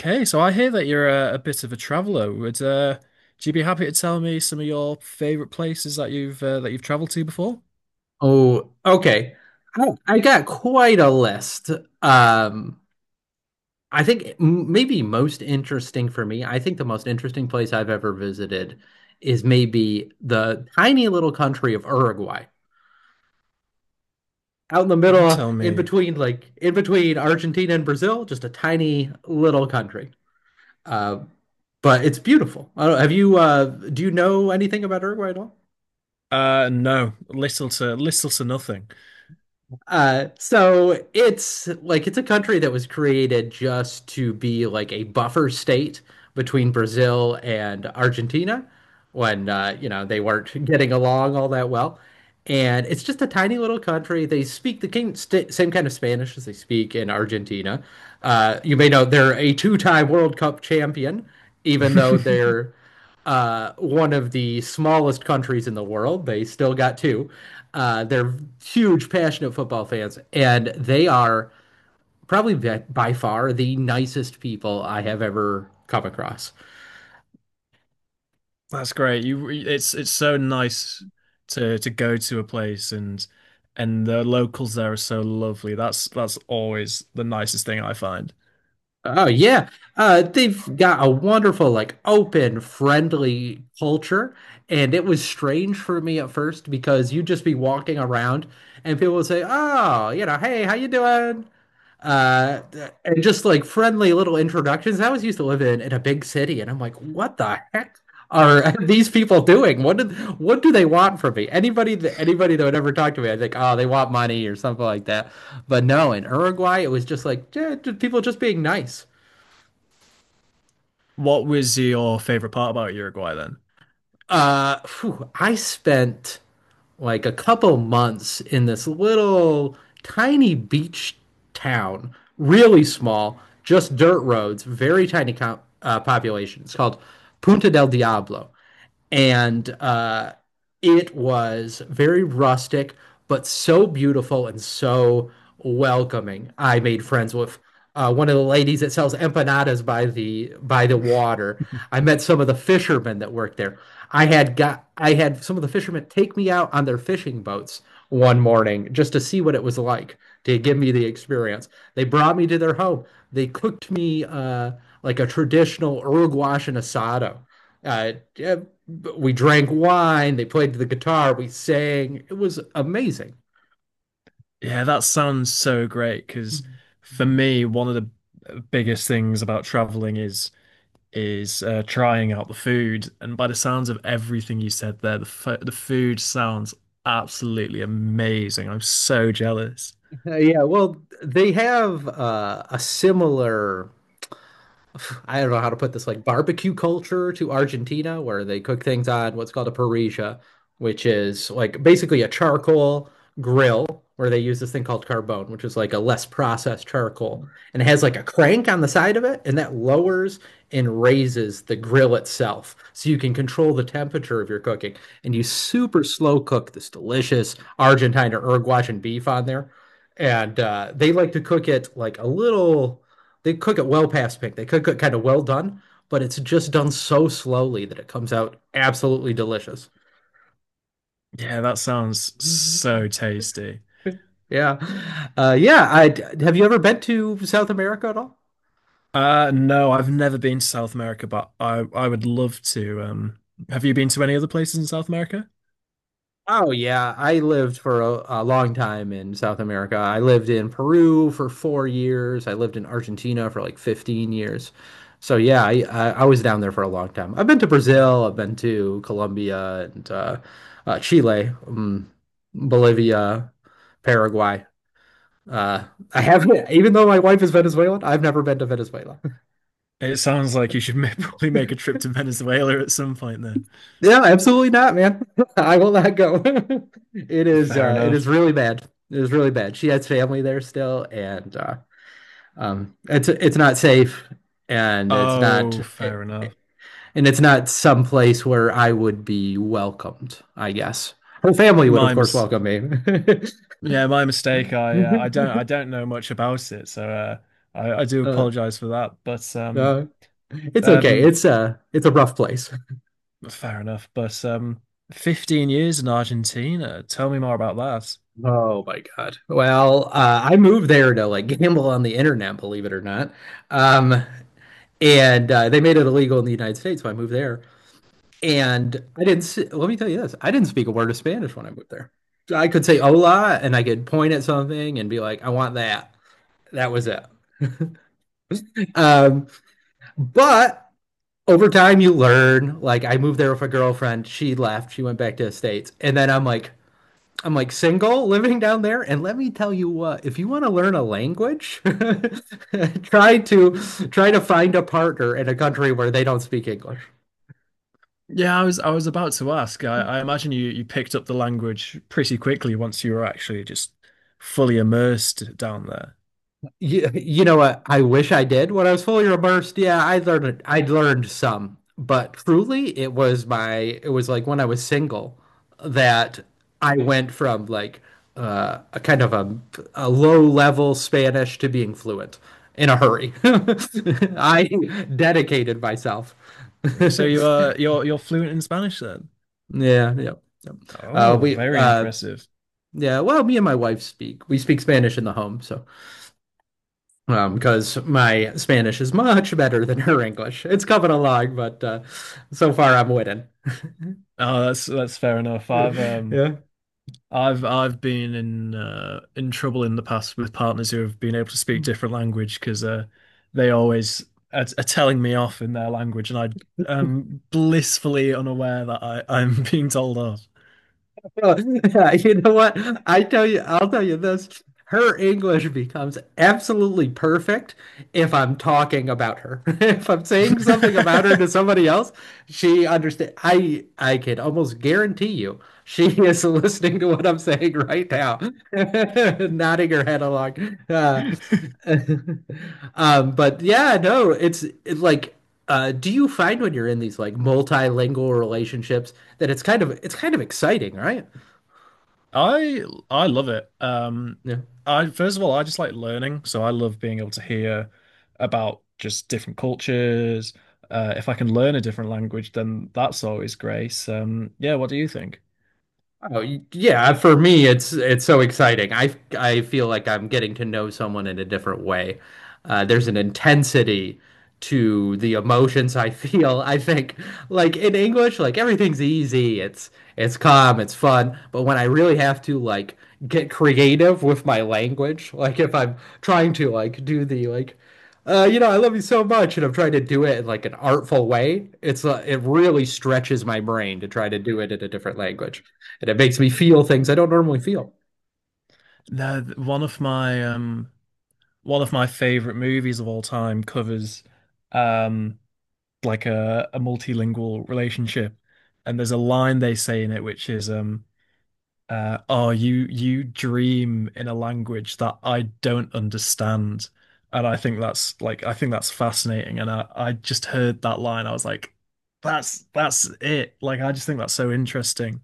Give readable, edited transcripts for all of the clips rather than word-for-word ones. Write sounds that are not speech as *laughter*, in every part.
Okay, so I hear that you're a bit of a traveler. Would do you be happy to tell me some of your favorite places that you've traveled to before? Oh, okay. I got quite a list. Um, I think the most interesting place I've ever visited is maybe the tiny little country of Uruguay. Out in the middle, Tell me. Like in between Argentina and Brazil, just a tiny little country. Uh, but it's beautiful. I don't, do you know anything about Uruguay at all? No, little to nothing. So it's like it's a country that was created just to be like a buffer state between Brazil and Argentina when you know they weren't *laughs* getting along all that well. And it's just a tiny little country. They speak the king, st same kind of Spanish as they speak in Argentina. You may know they're a two-time World Cup champion, even though *laughs* they're one of the smallest countries in the world. They still got two. They're huge, passionate football fans, and they are probably by far the nicest people I have ever come across. That's great. It's so nice to go to a place and the locals there are so lovely. That's always the nicest thing I find. Oh yeah, they've got a wonderful, like, open, friendly culture, and it was strange for me at first because you'd just be walking around and people would say, "Oh, you know, hey, how you doing?" uh and just like friendly little introductions. I always used to live in a big city and I'm like, what the heck are *laughs* these people doing? What do they want from me? Anybody that would ever talk to me, I think, oh, they want money or something like that. But no, in Uruguay it was just like, yeah, people just being nice. What was your favorite part about Uruguay then? I spent like a couple months in this little tiny beach town, really small, just dirt roads, very tiny co population. It's called Punta del Diablo. And it was very rustic, but so beautiful and so welcoming. I made friends with one of the ladies that sells empanadas by the water. I met some of the fishermen that worked there. I had some of the fishermen take me out on their fishing boats one morning just to see what it was like, to give me the experience. They brought me to their home. They cooked me like a traditional Uruguayan asado. Yeah, we drank wine, they played the guitar, we sang. It was amazing. Yeah, that sounds so great Uh, because for me, one of the biggest things about traveling is is trying out the food. And by the sounds of everything you said there, the fo the food sounds absolutely amazing. I'm so jealous. yeah, well, they have a similar *sighs* I don't know how to put this, like barbecue culture to Argentina, where they cook things on what's called a parrilla, which is like basically a charcoal grill where they use this thing called carbone, which is like a less processed charcoal, and it has like a crank on the side of it, and that lowers and raises the grill itself, so you can control the temperature of your cooking, and you super slow cook this delicious Argentine or Uruguayan beef on there, and they like to cook it like a little they cook it well past pink. They cook it kind of well done, but it's just done so slowly that it comes out absolutely delicious. Yeah, that sounds Mhm. so tasty. Yeah. Yeah, I Have you ever been to South America at all? No, I've never been to South America, but I would love to. Have you been to any other places in South America? Oh yeah, I lived for a long time in South America. I lived in Peru for 4 years. I lived in Argentina for like 15 years. So yeah, I was down there for a long time. I've been to Oh, Brazil, I've been to Colombia and Chile, Bolivia, Paraguay. Uh, I have, even though my wife is Venezuelan, I've never been to Venezuela. it sounds like you should *laughs* probably make a *laughs* trip to Venezuela at some point then. Yeah, absolutely not, man. *laughs* I will not go. *laughs* It is, Fair it enough. is really bad. It is really bad. She has family there still, and it's not safe, and it's not, Oh, fair enough. And it's not some place where I would be welcomed. I guess her family would, of My course, mis welcome me. Yeah, my mistake. I *laughs* don't know much about it, so I do uh, apologize for that. No, it's okay. um It's a rough place. Fair enough. But 15 years in Argentina. Tell me more about that. Oh my God. Well, I moved there to like gamble on the internet, believe it or not. Um, and they made it illegal in the United States, so I moved there. And I didn't see, let me tell you this, I didn't speak a word of Spanish when I moved there. I could say hola and I could point at something and be like, I want that. That was it. Um, but over time you learn. Like, I moved there with a girlfriend, she left, she went back to the States. And then I'm like, single, *laughs* living down there, and let me tell you what, if you want to learn a language, *laughs* try to try to find a partner in a country where they don't speak English. Yeah, I was about to ask. I imagine you picked up the language pretty quickly once you were actually just fully immersed down there. You know what? I wish I did when I was fully immersed. Yeah, I learned some, but truly, it was like when I was single that I went from like a kind of a low level Spanish to being fluent in a hurry. *laughs* I dedicated myself. *laughs* Right, so you are you're fluent in Spanish then? Yeah, yeah, yeah. Oh, We very impressive. yeah. Well, me and my wife speak. We speak Spanish in the home, so. Because my Spanish is much better than her English. It's coming along, but so far I'm winning. Oh, that's fair enough. *laughs* Yeah. I've been in trouble in the past with partners who have been able to speak different language because they always are telling me off in their language, and I am blissfully unaware that I, *laughs* I'm being told off. *laughs* Well, yeah, you know what? I'll tell you this. Her English becomes absolutely perfect if I'm talking about her. *laughs* If I'm saying something about her to *laughs* somebody else, she understand. I can almost guarantee you she is *laughs* listening to what I'm saying right now, *laughs* nodding her head along. Uh, *laughs* but yeah, no, like, do you find when you're in these like multilingual relationships that it's kind of exciting, right? I I love it. Yeah. I first of all I just like learning, so I love being able to hear about just different cultures. If I can learn a different language, then that's always great. Yeah, what do you think? Oh, yeah. For me, it's so exciting. I feel like I'm getting to know someone in a different way. There's an intensity to the emotions I *laughs* feel. I think like in English, like everything's easy. It's calm. It's fun. But when I really have to like get creative with my language, like if I'm trying to like do the like. You know, I love you so much, and I'm trying to do it in like an artful way. It's it really stretches my brain to try to do it in a different language. And it makes me feel things I don't normally feel. No, th- one of my favorite movies of all time covers um like a multilingual relationship. And there's a line they say in it which is oh, you dream in a language that I don't understand. And I think that's like I think that's fascinating. And I just heard that line, I was like, that's it. Like I just think that's so interesting.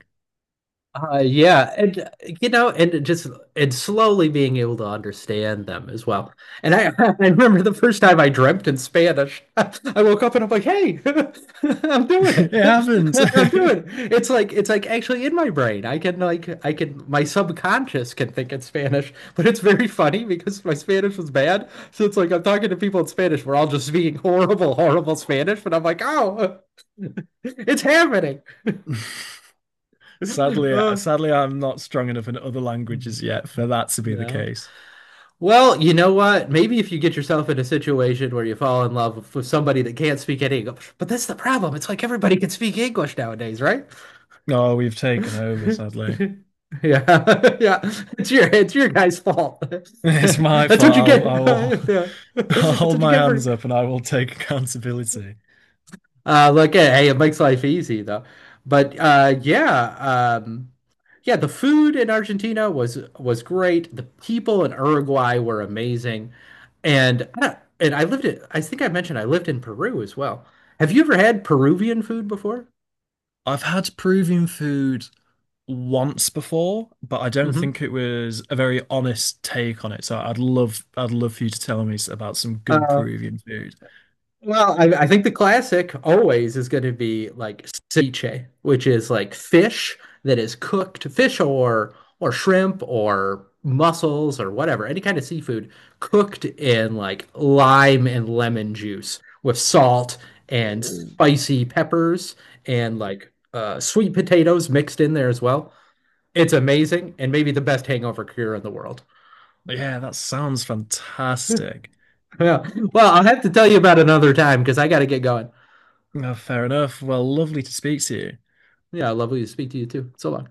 Yeah, and you know, and slowly being able to understand them as well. And I, *laughs* I remember the first time I dreamt in Spanish. *laughs* I woke up and I'm like, "Hey, *laughs* I'm doing *laughs* It it. *laughs* happens. I'm doing it." It's like actually in my brain. I can my subconscious can think in Spanish, *laughs* but it's very funny because my Spanish was bad. So it's like I'm talking to people in Spanish. We're all just speaking *laughs* horrible, horrible Spanish, but I'm like, "Oh, *laughs* it's happening." *laughs* *laughs* Sadly, Uh, I'm not strong enough in other languages yet for that to be the yeah. case. Well, you know what? Maybe if you get yourself in a situation where you fall in love with, somebody that can't speak any English. But that's the problem. It's like everybody can speak English nowadays, right? *laughs* Oh, we've taken over, sadly. *laughs* Yeah, *laughs* yeah. It's your guy's fault. *laughs* It's my That's what you fault. Get. I will, *laughs* *laughs* Yeah. *laughs* I'll That's hold what you my get for hands up and I will take accountability. Look at, hey, it makes life easy though. But yeah, yeah, the food in Argentina was great. The people in Uruguay were amazing, and I don't- and I lived it. I think I mentioned I lived in Peru as well. Have you ever had Peruvian food before? I've had Peruvian food once before, but I don't hmm think it was a very honest take on it. So I'd love for you to tell me about some good Peruvian food. Well, I think the classic always is going to be like ceviche, which is like fish that is cooked, fish or shrimp or mussels or whatever, any kind of seafood cooked in like lime and lemon juice with salt and Ooh. spicy peppers and like sweet potatoes mixed in there as well. It's amazing and maybe the best hangover cure in the world. Yeah, that sounds fantastic. *laughs* Yeah. Well, I'll have to tell you about another time because I got to get going. Oh, fair enough. Well, lovely to speak to you. Yeah, lovely to speak to you too. So long.